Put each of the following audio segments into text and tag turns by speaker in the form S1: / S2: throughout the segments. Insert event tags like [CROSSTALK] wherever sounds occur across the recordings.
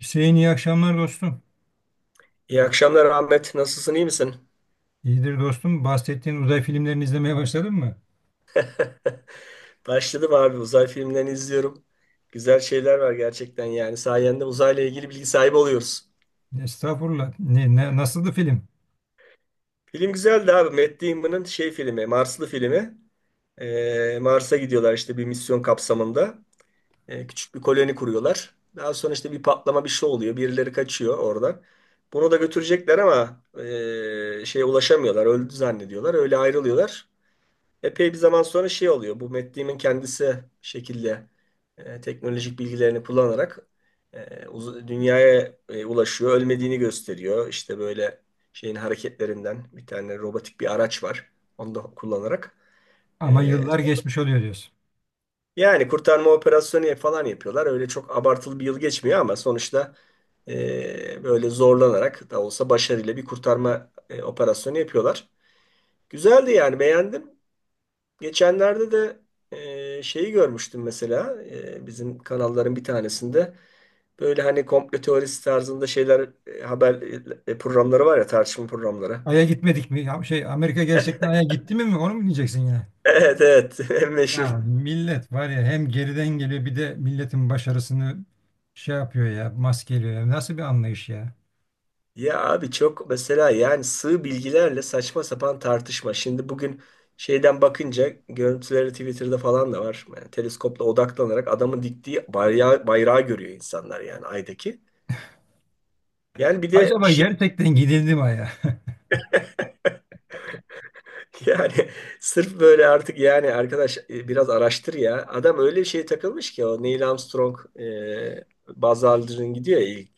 S1: Hüseyin, iyi akşamlar dostum.
S2: İyi akşamlar Ahmet. Nasılsın, iyi misin?
S1: İyidir dostum. Bahsettiğin uzay filmlerini izlemeye başladın mı?
S2: [LAUGHS] Başladım abi. Uzay filmlerini izliyorum. Güzel şeyler var gerçekten yani. Sayende uzayla ilgili bilgi sahibi oluyoruz.
S1: Estağfurullah. Nasıldı film?
S2: Film güzeldi abi. Matt Damon'ın şey filmi, Marslı filmi. Mars'a gidiyorlar işte bir misyon kapsamında. Küçük bir koloni kuruyorlar. Daha sonra işte bir patlama bir şey oluyor. Birileri kaçıyor oradan. Bunu da götürecekler ama şeye ulaşamıyorlar. Öldü zannediyorlar. Öyle ayrılıyorlar. Epey bir zaman sonra şey oluyor. Bu Matt Damon kendisi şekilde teknolojik bilgilerini kullanarak dünyaya ulaşıyor. Ölmediğini gösteriyor. İşte böyle şeyin hareketlerinden bir tane robotik bir araç var. Onu da kullanarak.
S1: Ama
S2: E,
S1: yıllar geçmiş oluyor diyorsun.
S2: Yani kurtarma operasyonu falan yapıyorlar. Öyle çok abartılı bir yıl geçmiyor ama sonuçta böyle zorlanarak da olsa başarıyla bir kurtarma operasyonu yapıyorlar. Güzeldi yani beğendim. Geçenlerde de şeyi görmüştüm mesela bizim kanalların bir tanesinde böyle hani komplo teorisi tarzında şeyler haber programları var ya tartışma programları.
S1: Ay'a gitmedik mi? Ya şey, Amerika gerçekten Ay'a gitti mi? Onu mu diyeceksin yine?
S2: Evet, evet, [LAUGHS] en meşhur.
S1: Ya millet var ya, hem geriden geliyor, bir de milletin başarısını şey yapıyor ya, maskeliyor ya. Nasıl bir anlayış ya?
S2: Ya abi çok mesela yani sığ bilgilerle saçma sapan tartışma. Şimdi bugün şeyden bakınca görüntüleri Twitter'da falan da var. Yani teleskopla odaklanarak adamın diktiği bayrağı, bayrağı görüyor insanlar yani aydaki. Yani bir de
S1: Acaba
S2: şey.
S1: gerçekten gidildi mi Ay'a? [LAUGHS]
S2: Yani [LAUGHS] sırf böyle artık yani arkadaş biraz araştır ya. Adam öyle bir şeye takılmış ki o Neil Armstrong, Buzz Aldrin gidiyor ya ilk.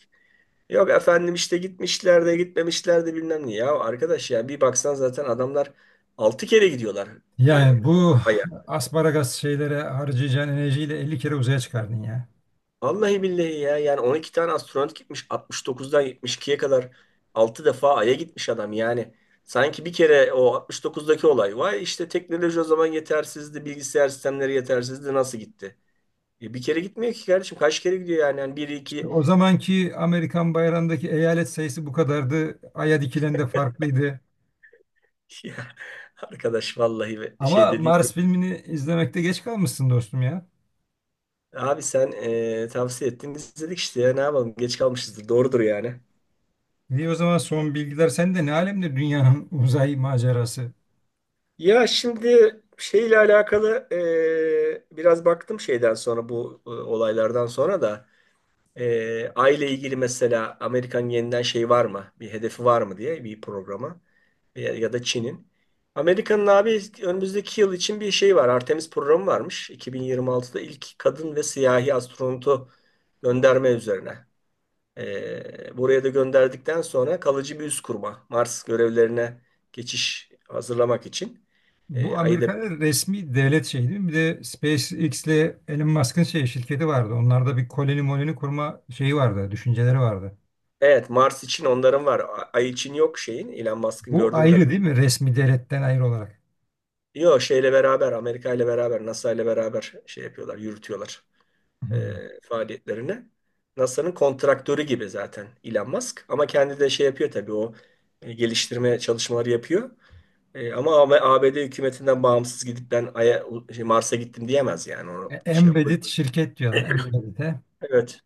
S2: Yok efendim işte gitmişler de gitmemişler de bilmem ne. Ya arkadaş ya bir baksan zaten adamlar 6 kere gidiyorlar e,
S1: Yani bu
S2: Ay'a.
S1: asparagas şeylere harcayacağın enerjiyle 50 kere uzaya çıkardın ya.
S2: Vallahi billahi ya yani 12 tane astronot gitmiş 69'dan 72'ye kadar 6 defa Ay'a gitmiş adam yani. Sanki bir kere o 69'daki olay. Vay işte teknoloji o zaman yetersizdi, bilgisayar sistemleri yetersizdi nasıl gitti? Bir kere gitmiyor ki kardeşim. Kaç kere gidiyor yani? Yani bir
S1: İşte
S2: iki.
S1: o
S2: [LAUGHS]
S1: zamanki Amerikan bayrağındaki eyalet sayısı bu kadardı. Ay'a dikilen de farklıydı.
S2: Ya, arkadaş vallahi şey
S1: Ama
S2: dedi.
S1: Mars filmini izlemekte geç kalmışsın dostum ya.
S2: Abi sen tavsiye ettin. Biz dedik işte ya ne yapalım? Geç kalmışızdır. Doğrudur yani.
S1: Niye o zaman son bilgiler sende? Ne alemde dünyanın [LAUGHS] uzay macerası?
S2: Ya şimdi şeyle alakalı biraz baktım şeyden sonra bu olaylardan sonra da aile ilgili mesela Amerikan yeniden şey var mı? Bir hedefi var mı diye bir programa. Ya ya da Çin'in. Amerika'nın abi önümüzdeki yıl için bir şey var. Artemis programı varmış. 2026'da ilk kadın ve siyahi astronotu gönderme üzerine. Buraya da gönderdikten sonra kalıcı bir üs kurma. Mars görevlerine geçiş hazırlamak için.
S1: Bu
S2: Ayı da
S1: Amerika'nın resmi devlet şeyi değil mi? Bir de SpaceX ile Elon Musk'ın şey, şirketi vardı. Onlarda bir koloni moloni kurma şeyi vardı, düşünceleri vardı.
S2: evet Mars için onların var. Ay için yok şeyin. Elon Musk'ın
S1: Bu
S2: gördüğüm
S1: ayrı değil
S2: kadarıyla.
S1: mi? Resmi devletten ayrı olarak.
S2: Yok şeyle beraber Amerika ile beraber NASA ile beraber şey yapıyorlar, yürütüyorlar.
S1: Hı.
S2: Faaliyetlerine. NASA'nın kontraktörü gibi zaten Elon Musk. Ama kendi de şey yapıyor tabii o geliştirme çalışmaları yapıyor. Ama ABD hükümetinden bağımsız gidip ben Ay'a, şey, Mars'a gittim diyemez yani. Onu şey yapıyor.
S1: Embedded şirket diyorlar. Embedded'e.
S2: Evet.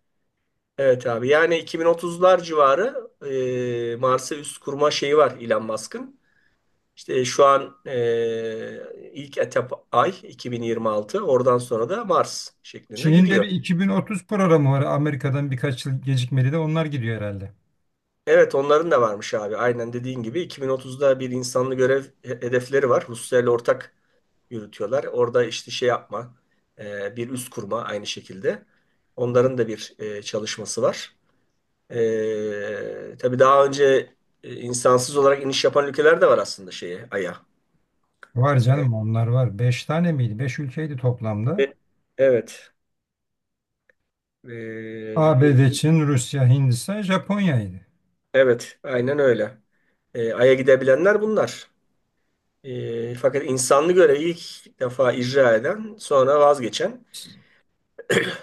S2: Evet abi. Yani 2030'lar civarı Mars'a üst kurma şeyi var Elon Musk'ın. İşte şu an ilk etap ay 2026. Oradan sonra da Mars şeklinde
S1: Çin'in de
S2: gidiyor.
S1: bir 2030 programı var. Amerika'dan birkaç yıl gecikmeli de onlar gidiyor herhalde.
S2: Evet onların da varmış abi. Aynen dediğin gibi 2030'da bir insanlı görev hedefleri var. Rusya ile ortak yürütüyorlar. Orada işte şey yapma, bir üs kurma aynı şekilde. Onların da bir çalışması var. Tabii daha önce insansız olarak iniş yapan ülkeler de var aslında şeye, Ay'a.
S1: Var
S2: E,
S1: canım, onlar var. 5 tane miydi? 5 ülkeydi toplamda.
S2: e, evet. E,
S1: ABD,
S2: e,
S1: Çin, Rusya, Hindistan, Japonya'ydı.
S2: evet, aynen öyle. Ay'a gidebilenler bunlar. Fakat insanlı görevi ilk defa icra eden, sonra vazgeçen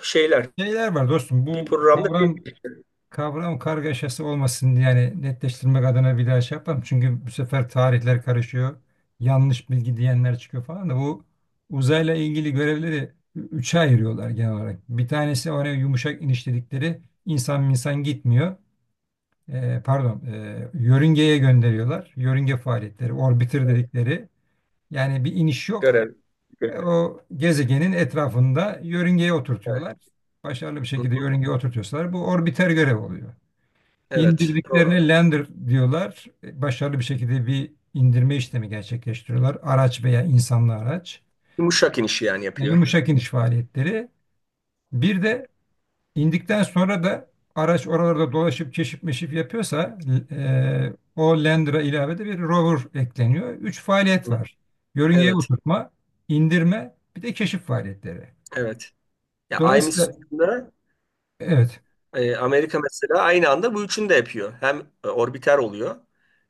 S2: şeyler.
S1: Şeyler var dostum,
S2: Bir
S1: bu
S2: programda bir
S1: kavram kargaşası olmasın diye yani, netleştirmek adına bir daha şey yapalım. Çünkü bu sefer tarihler karışıyor. Yanlış bilgi diyenler çıkıyor falan da bu uzayla ilgili görevleri üçe ayırıyorlar genel olarak. Bir tanesi, oraya yumuşak iniş dedikleri, insan minsan gitmiyor. Pardon, yörüngeye gönderiyorlar. Yörünge faaliyetleri, orbiter dedikleri. Yani bir iniş yok.
S2: görev.
S1: E, o gezegenin etrafında yörüngeye
S2: Evet.
S1: oturtuyorlar. Başarılı bir
S2: Hı
S1: şekilde
S2: hı.
S1: yörüngeye oturtuyorsalar bu orbiter görev oluyor.
S2: Evet, doğru.
S1: İndirdiklerine lander diyorlar. E, başarılı bir şekilde bir indirme işlemi gerçekleştiriyorlar. Araç veya insanlı araç.
S2: Yumuşak iniş yani
S1: Yani
S2: yapıyor.
S1: yumuşak iniş faaliyetleri. Bir de İndikten sonra da araç oralarda dolaşıp keşif meşif yapıyorsa o Lander'a ilave de bir rover ekleniyor. Üç faaliyet
S2: Hı.
S1: var. Yörüngeye
S2: Evet,
S1: oturtma, indirme, bir de keşif faaliyetleri.
S2: evet. Ya aynı
S1: Dolayısıyla
S2: sütunda
S1: evet,
S2: Amerika mesela aynı anda bu üçünü de yapıyor. Hem orbiter oluyor,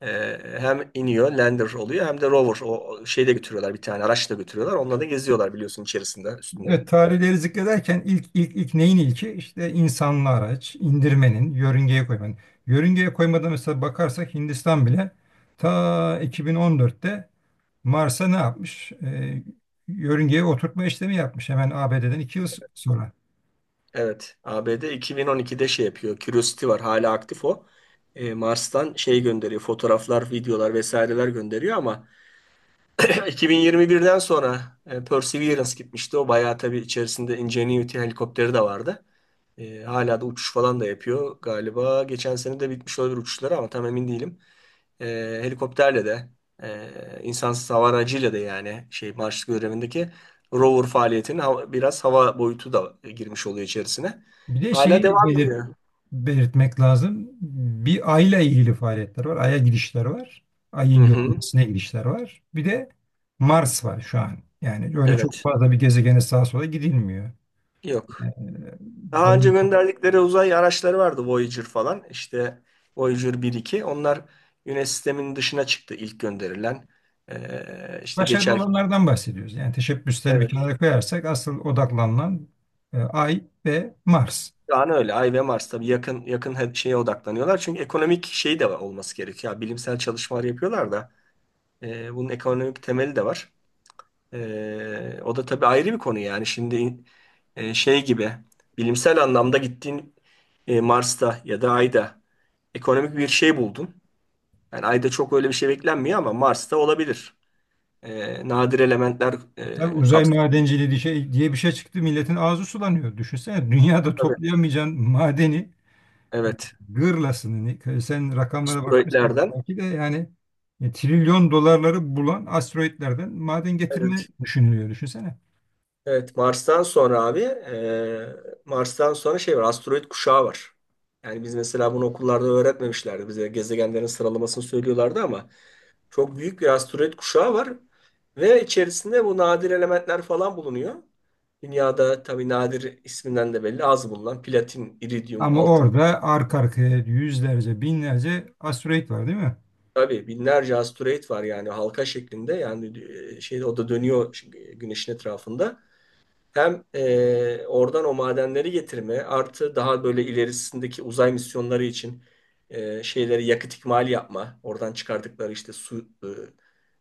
S2: e, hem iniyor, lander oluyor, hem de rover. O o şeyi de götürüyorlar bir tane, araç da götürüyorlar. Onunla da geziyorlar biliyorsun içerisinde, üstünde.
S1: evet, tarihleri zikrederken ilk neyin ilki? İşte insanlı araç, indirmenin, yörüngeye koymanın. Yörüngeye koymadan mesela bakarsak Hindistan bile ta 2014'te Mars'a ne yapmış? Yörüngeye oturtma işlemi yapmış hemen ABD'den 2 yıl sonra.
S2: Evet, ABD 2012'de şey yapıyor. Curiosity var, hala aktif o. Mars'tan şey gönderiyor, fotoğraflar, videolar vesaireler gönderiyor ama [CLEARS THROAT] 2021'den sonra Perseverance gitmişti. O bayağı tabii içerisinde Ingenuity helikopteri de vardı. Hala da uçuş falan da yapıyor. Galiba geçen sene de bitmiş olabilir uçuşları ama tam emin değilim e, helikopterle de insansız hava aracıyla da yani şey Marslık görevindeki rover faaliyetinin biraz hava boyutu da girmiş oluyor içerisine.
S1: Bir de
S2: Hala
S1: şeyi
S2: devam
S1: belir-
S2: ediyor.
S1: Belirtmek lazım. Bir Ay'la ilgili faaliyetler var. Ay'a gidişler var.
S2: Hı
S1: Ay'ın
S2: hı.
S1: görünmesine gidişler var. Bir de Mars var şu an. Yani öyle çok
S2: Evet.
S1: fazla bir gezegene sağa sola gidilmiyor.
S2: Yok.
S1: Ee,
S2: Daha önce
S1: Dolayısıyla
S2: gönderdikleri uzay araçları vardı Voyager falan. İşte Voyager bir iki. Onlar Güneş sisteminin dışına çıktı ilk gönderilen. İşte
S1: başarılı
S2: geçerken.
S1: olanlardan bahsediyoruz. Yani teşebbüsleri bir
S2: Evet.
S1: kenara koyarsak asıl odaklanılan Ay ve Mars.
S2: Şu an öyle. Ay ve Mars tabii yakın yakın şeye odaklanıyorlar. Çünkü ekonomik şey de olması gerekiyor. Ya, bilimsel çalışmalar yapıyorlar da. Bunun ekonomik temeli de var. O da tabii ayrı bir konu yani. Şimdi şey gibi bilimsel anlamda gittiğin Mars'ta ya da Ay'da ekonomik bir şey buldun. Yani Ay'da çok öyle bir şey beklenmiyor ama Mars'ta olabilir. Nadir elementler
S1: Tabii uzay
S2: kapsamında.
S1: madenciliği diye bir şey çıktı. Milletin ağzı sulanıyor. Düşünsene, dünyada
S2: Tabii,
S1: toplayamayacağın madeni
S2: evet.
S1: gırlasını sen rakamlara bakmışsın
S2: Asteroidlerden.
S1: belki de yani, trilyon dolarları bulan asteroitlerden maden getirme
S2: Evet.
S1: düşünülüyor, düşünsene.
S2: Evet. Mars'tan sonra abi Mars'tan sonra şey var. Asteroid kuşağı var. Yani biz mesela bunu okullarda öğretmemişlerdi. Bize gezegenlerin sıralamasını söylüyorlardı ama çok büyük bir asteroid kuşağı var ve içerisinde bu nadir elementler falan bulunuyor. Dünyada tabii nadir isminden de belli az bulunan platin, iridyum,
S1: Ama
S2: altın.
S1: orada arka arkaya yüzlerce binlerce asteroit var değil mi?
S2: Tabii binlerce asteroid var yani halka şeklinde yani şeyde o da dönüyor çünkü güneşin etrafında. Hem oradan o madenleri getirme artı daha böyle ilerisindeki uzay misyonları için şeyleri yakıt ikmali yapma. Oradan çıkardıkları işte su,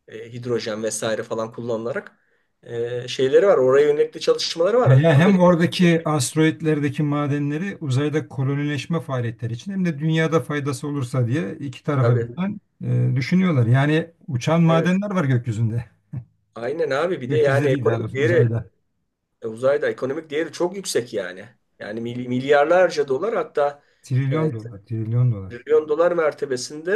S2: hidrojen vesaire falan kullanılarak şeyleri var. Oraya yönelik çalışmaları var.
S1: Hem
S2: Amerika'da şey,
S1: oradaki asteroitlerdeki madenleri uzayda kolonileşme faaliyetleri için hem de dünyada faydası olursa diye iki tarafa
S2: tabii.
S1: birden düşünüyorlar. Yani uçan
S2: Evet.
S1: madenler var gökyüzünde.
S2: Aynen abi. Bir de yani
S1: Gökyüzünde değil, daha
S2: ekonomik
S1: doğrusu
S2: değeri
S1: uzayda.
S2: uzayda ekonomik değeri çok yüksek yani. Yani milyarlarca dolar hatta
S1: Trilyon
S2: e,
S1: dolar, trilyon dolar.
S2: milyon dolar mertebesinde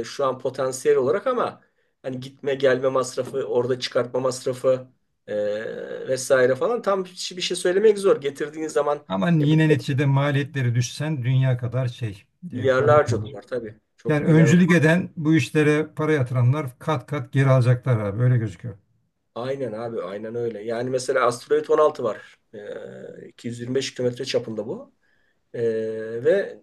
S2: şu an potansiyel olarak ama hani gitme gelme masrafı, orada çıkartma masrafı vesaire falan tam bir şey söylemek zor. Getirdiğiniz zaman
S1: Ama
S2: bu
S1: yine neticede maliyetleri düşsen dünya kadar şey, para
S2: milyarlarca
S1: kalır.
S2: dolar tabii.
S1: Yani
S2: Çok
S1: öncülük
S2: inanılmaz.
S1: eden, bu işlere para yatıranlar kat kat geri alacaklar abi, öyle gözüküyor.
S2: Aynen abi aynen öyle. Yani mesela asteroid 16 var. 225 kilometre çapında bu. E, Ve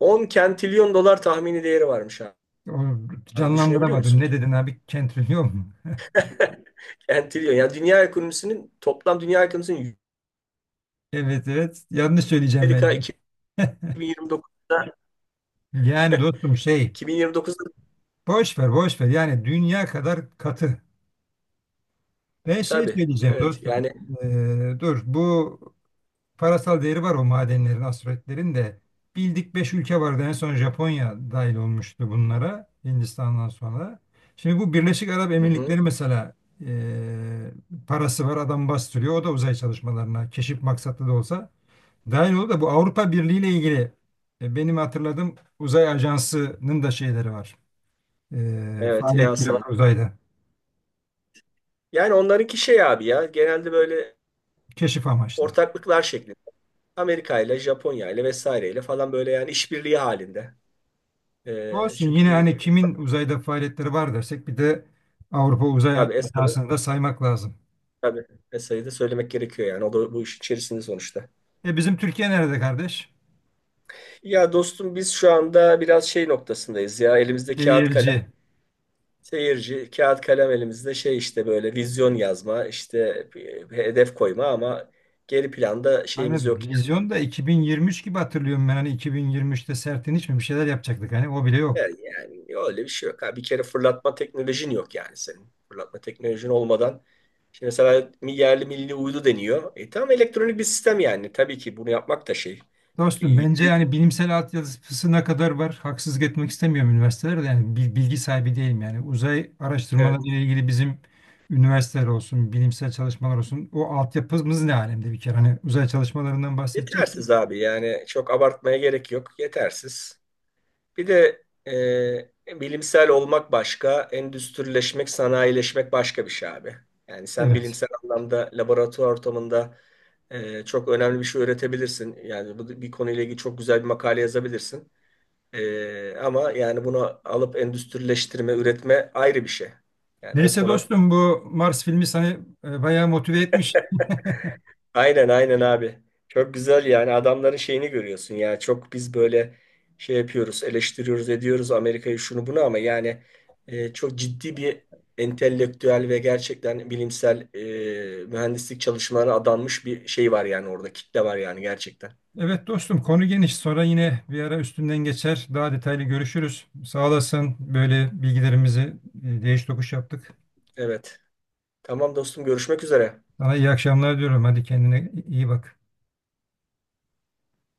S2: 10 kentilyon dolar tahmini değeri varmış abi.
S1: O,
S2: Abi düşünebiliyor
S1: canlandıramadım.
S2: musun?
S1: Ne dedin abi? Kentrilyon mu? [LAUGHS]
S2: [LAUGHS] Kentilyon. Yani dünya ekonomisinin toplam dünya ekonomisinin
S1: Evet, evet. Yanlış söyleyeceğim
S2: Amerika
S1: bence.
S2: 2029'da
S1: Yani dostum şey,
S2: 2029'da
S1: boş ver boş ver, yani dünya kadar katı. Ben
S2: [LAUGHS]
S1: şey
S2: tabii.
S1: söyleyeceğim
S2: Evet
S1: dostum.
S2: yani.
S1: Dur, bu parasal değeri var o madenlerin, aspiratlerin de. Bildik 5 ülke vardı, en son Japonya dahil olmuştu bunlara, Hindistan'dan sonra. Şimdi bu Birleşik Arap
S2: Hı hı,
S1: Emirlikleri mesela, ee, parası var adam, bastırıyor. O da uzay çalışmalarına keşif maksatlı da olsa dahil oldu. Da bu Avrupa Birliği ile ilgili benim hatırladığım uzay ajansının da şeyleri var.
S2: evet
S1: Faaliyetleri var
S2: EASA'nın.
S1: uzayda.
S2: Yani onlarınki şey abi ya genelde böyle
S1: Keşif amaçlı.
S2: ortaklıklar şeklinde. Amerika ile Japonya ile vesaireyle falan böyle yani işbirliği halinde.
S1: Olsun,
S2: Çünkü
S1: yine hani kimin uzayda faaliyetleri var dersek, bir de Avrupa Uzay
S2: tabii ESA'nın
S1: Ajansı'nı da saymak lazım.
S2: tabii ESA'yı da söylemek gerekiyor yani o da bu iş içerisinde sonuçta.
S1: E bizim Türkiye nerede kardeş?
S2: Ya dostum biz şu anda biraz şey noktasındayız ya elimizde kağıt kalem.
S1: Seyirci.
S2: Seyirci, kağıt kalem elimizde şey işte böyle vizyon yazma işte bir hedef koyma ama geri planda
S1: Hani
S2: şeyimiz yok
S1: vizyon da 2023 gibi hatırlıyorum ben, hani 2023'te Sertin, hiç mi bir şeyler yapacaktık, hani o bile yok.
S2: yani. Yani öyle bir şey yok. Ha, bir kere fırlatma teknolojin yok yani senin. Fırlatma teknolojin olmadan şimdi mesela yerli milli uydu deniyor. E tamam elektronik bir sistem yani. Tabii ki bunu yapmak da şey. E,
S1: Dostum bence yani bilimsel altyapısına kadar var. Haksızlık etmek istemiyorum üniversitelerde, yani bilgi sahibi değilim yani. Uzay araştırmaları
S2: Evet.
S1: ile ilgili bizim üniversiteler olsun, bilimsel çalışmalar olsun, o altyapımız ne alemde bir kere, hani uzay çalışmalarından bahsedeceksek.
S2: Yetersiz abi yani çok abartmaya gerek yok. Yetersiz. Bir de bilimsel olmak başka, endüstrileşmek, sanayileşmek başka bir şey abi. Yani sen
S1: Evet.
S2: bilimsel anlamda laboratuvar ortamında çok önemli bir şey üretebilirsin. Yani bu bir konuyla ilgili çok güzel bir makale yazabilirsin. Ama yani bunu alıp endüstrileştirme, üretme ayrı bir şey. Yani o
S1: Neyse
S2: konu.
S1: dostum, bu Mars filmi seni bayağı motive etmiş.
S2: Aynen aynen abi. Çok güzel yani adamların şeyini görüyorsun ya. Çok biz böyle şey yapıyoruz, eleştiriyoruz, ediyoruz Amerika'yı şunu bunu ama yani çok ciddi bir entelektüel ve gerçekten bilimsel mühendislik çalışmalarına adanmış bir şey var yani orada kitle var yani gerçekten.
S1: Evet dostum, konu geniş. Sonra yine bir ara üstünden geçer. Daha detaylı görüşürüz. Sağ olasın, böyle bilgilerimizi değiş tokuş yaptık.
S2: Evet. Tamam dostum görüşmek üzere.
S1: Sana iyi akşamlar diyorum. Hadi, kendine iyi bak.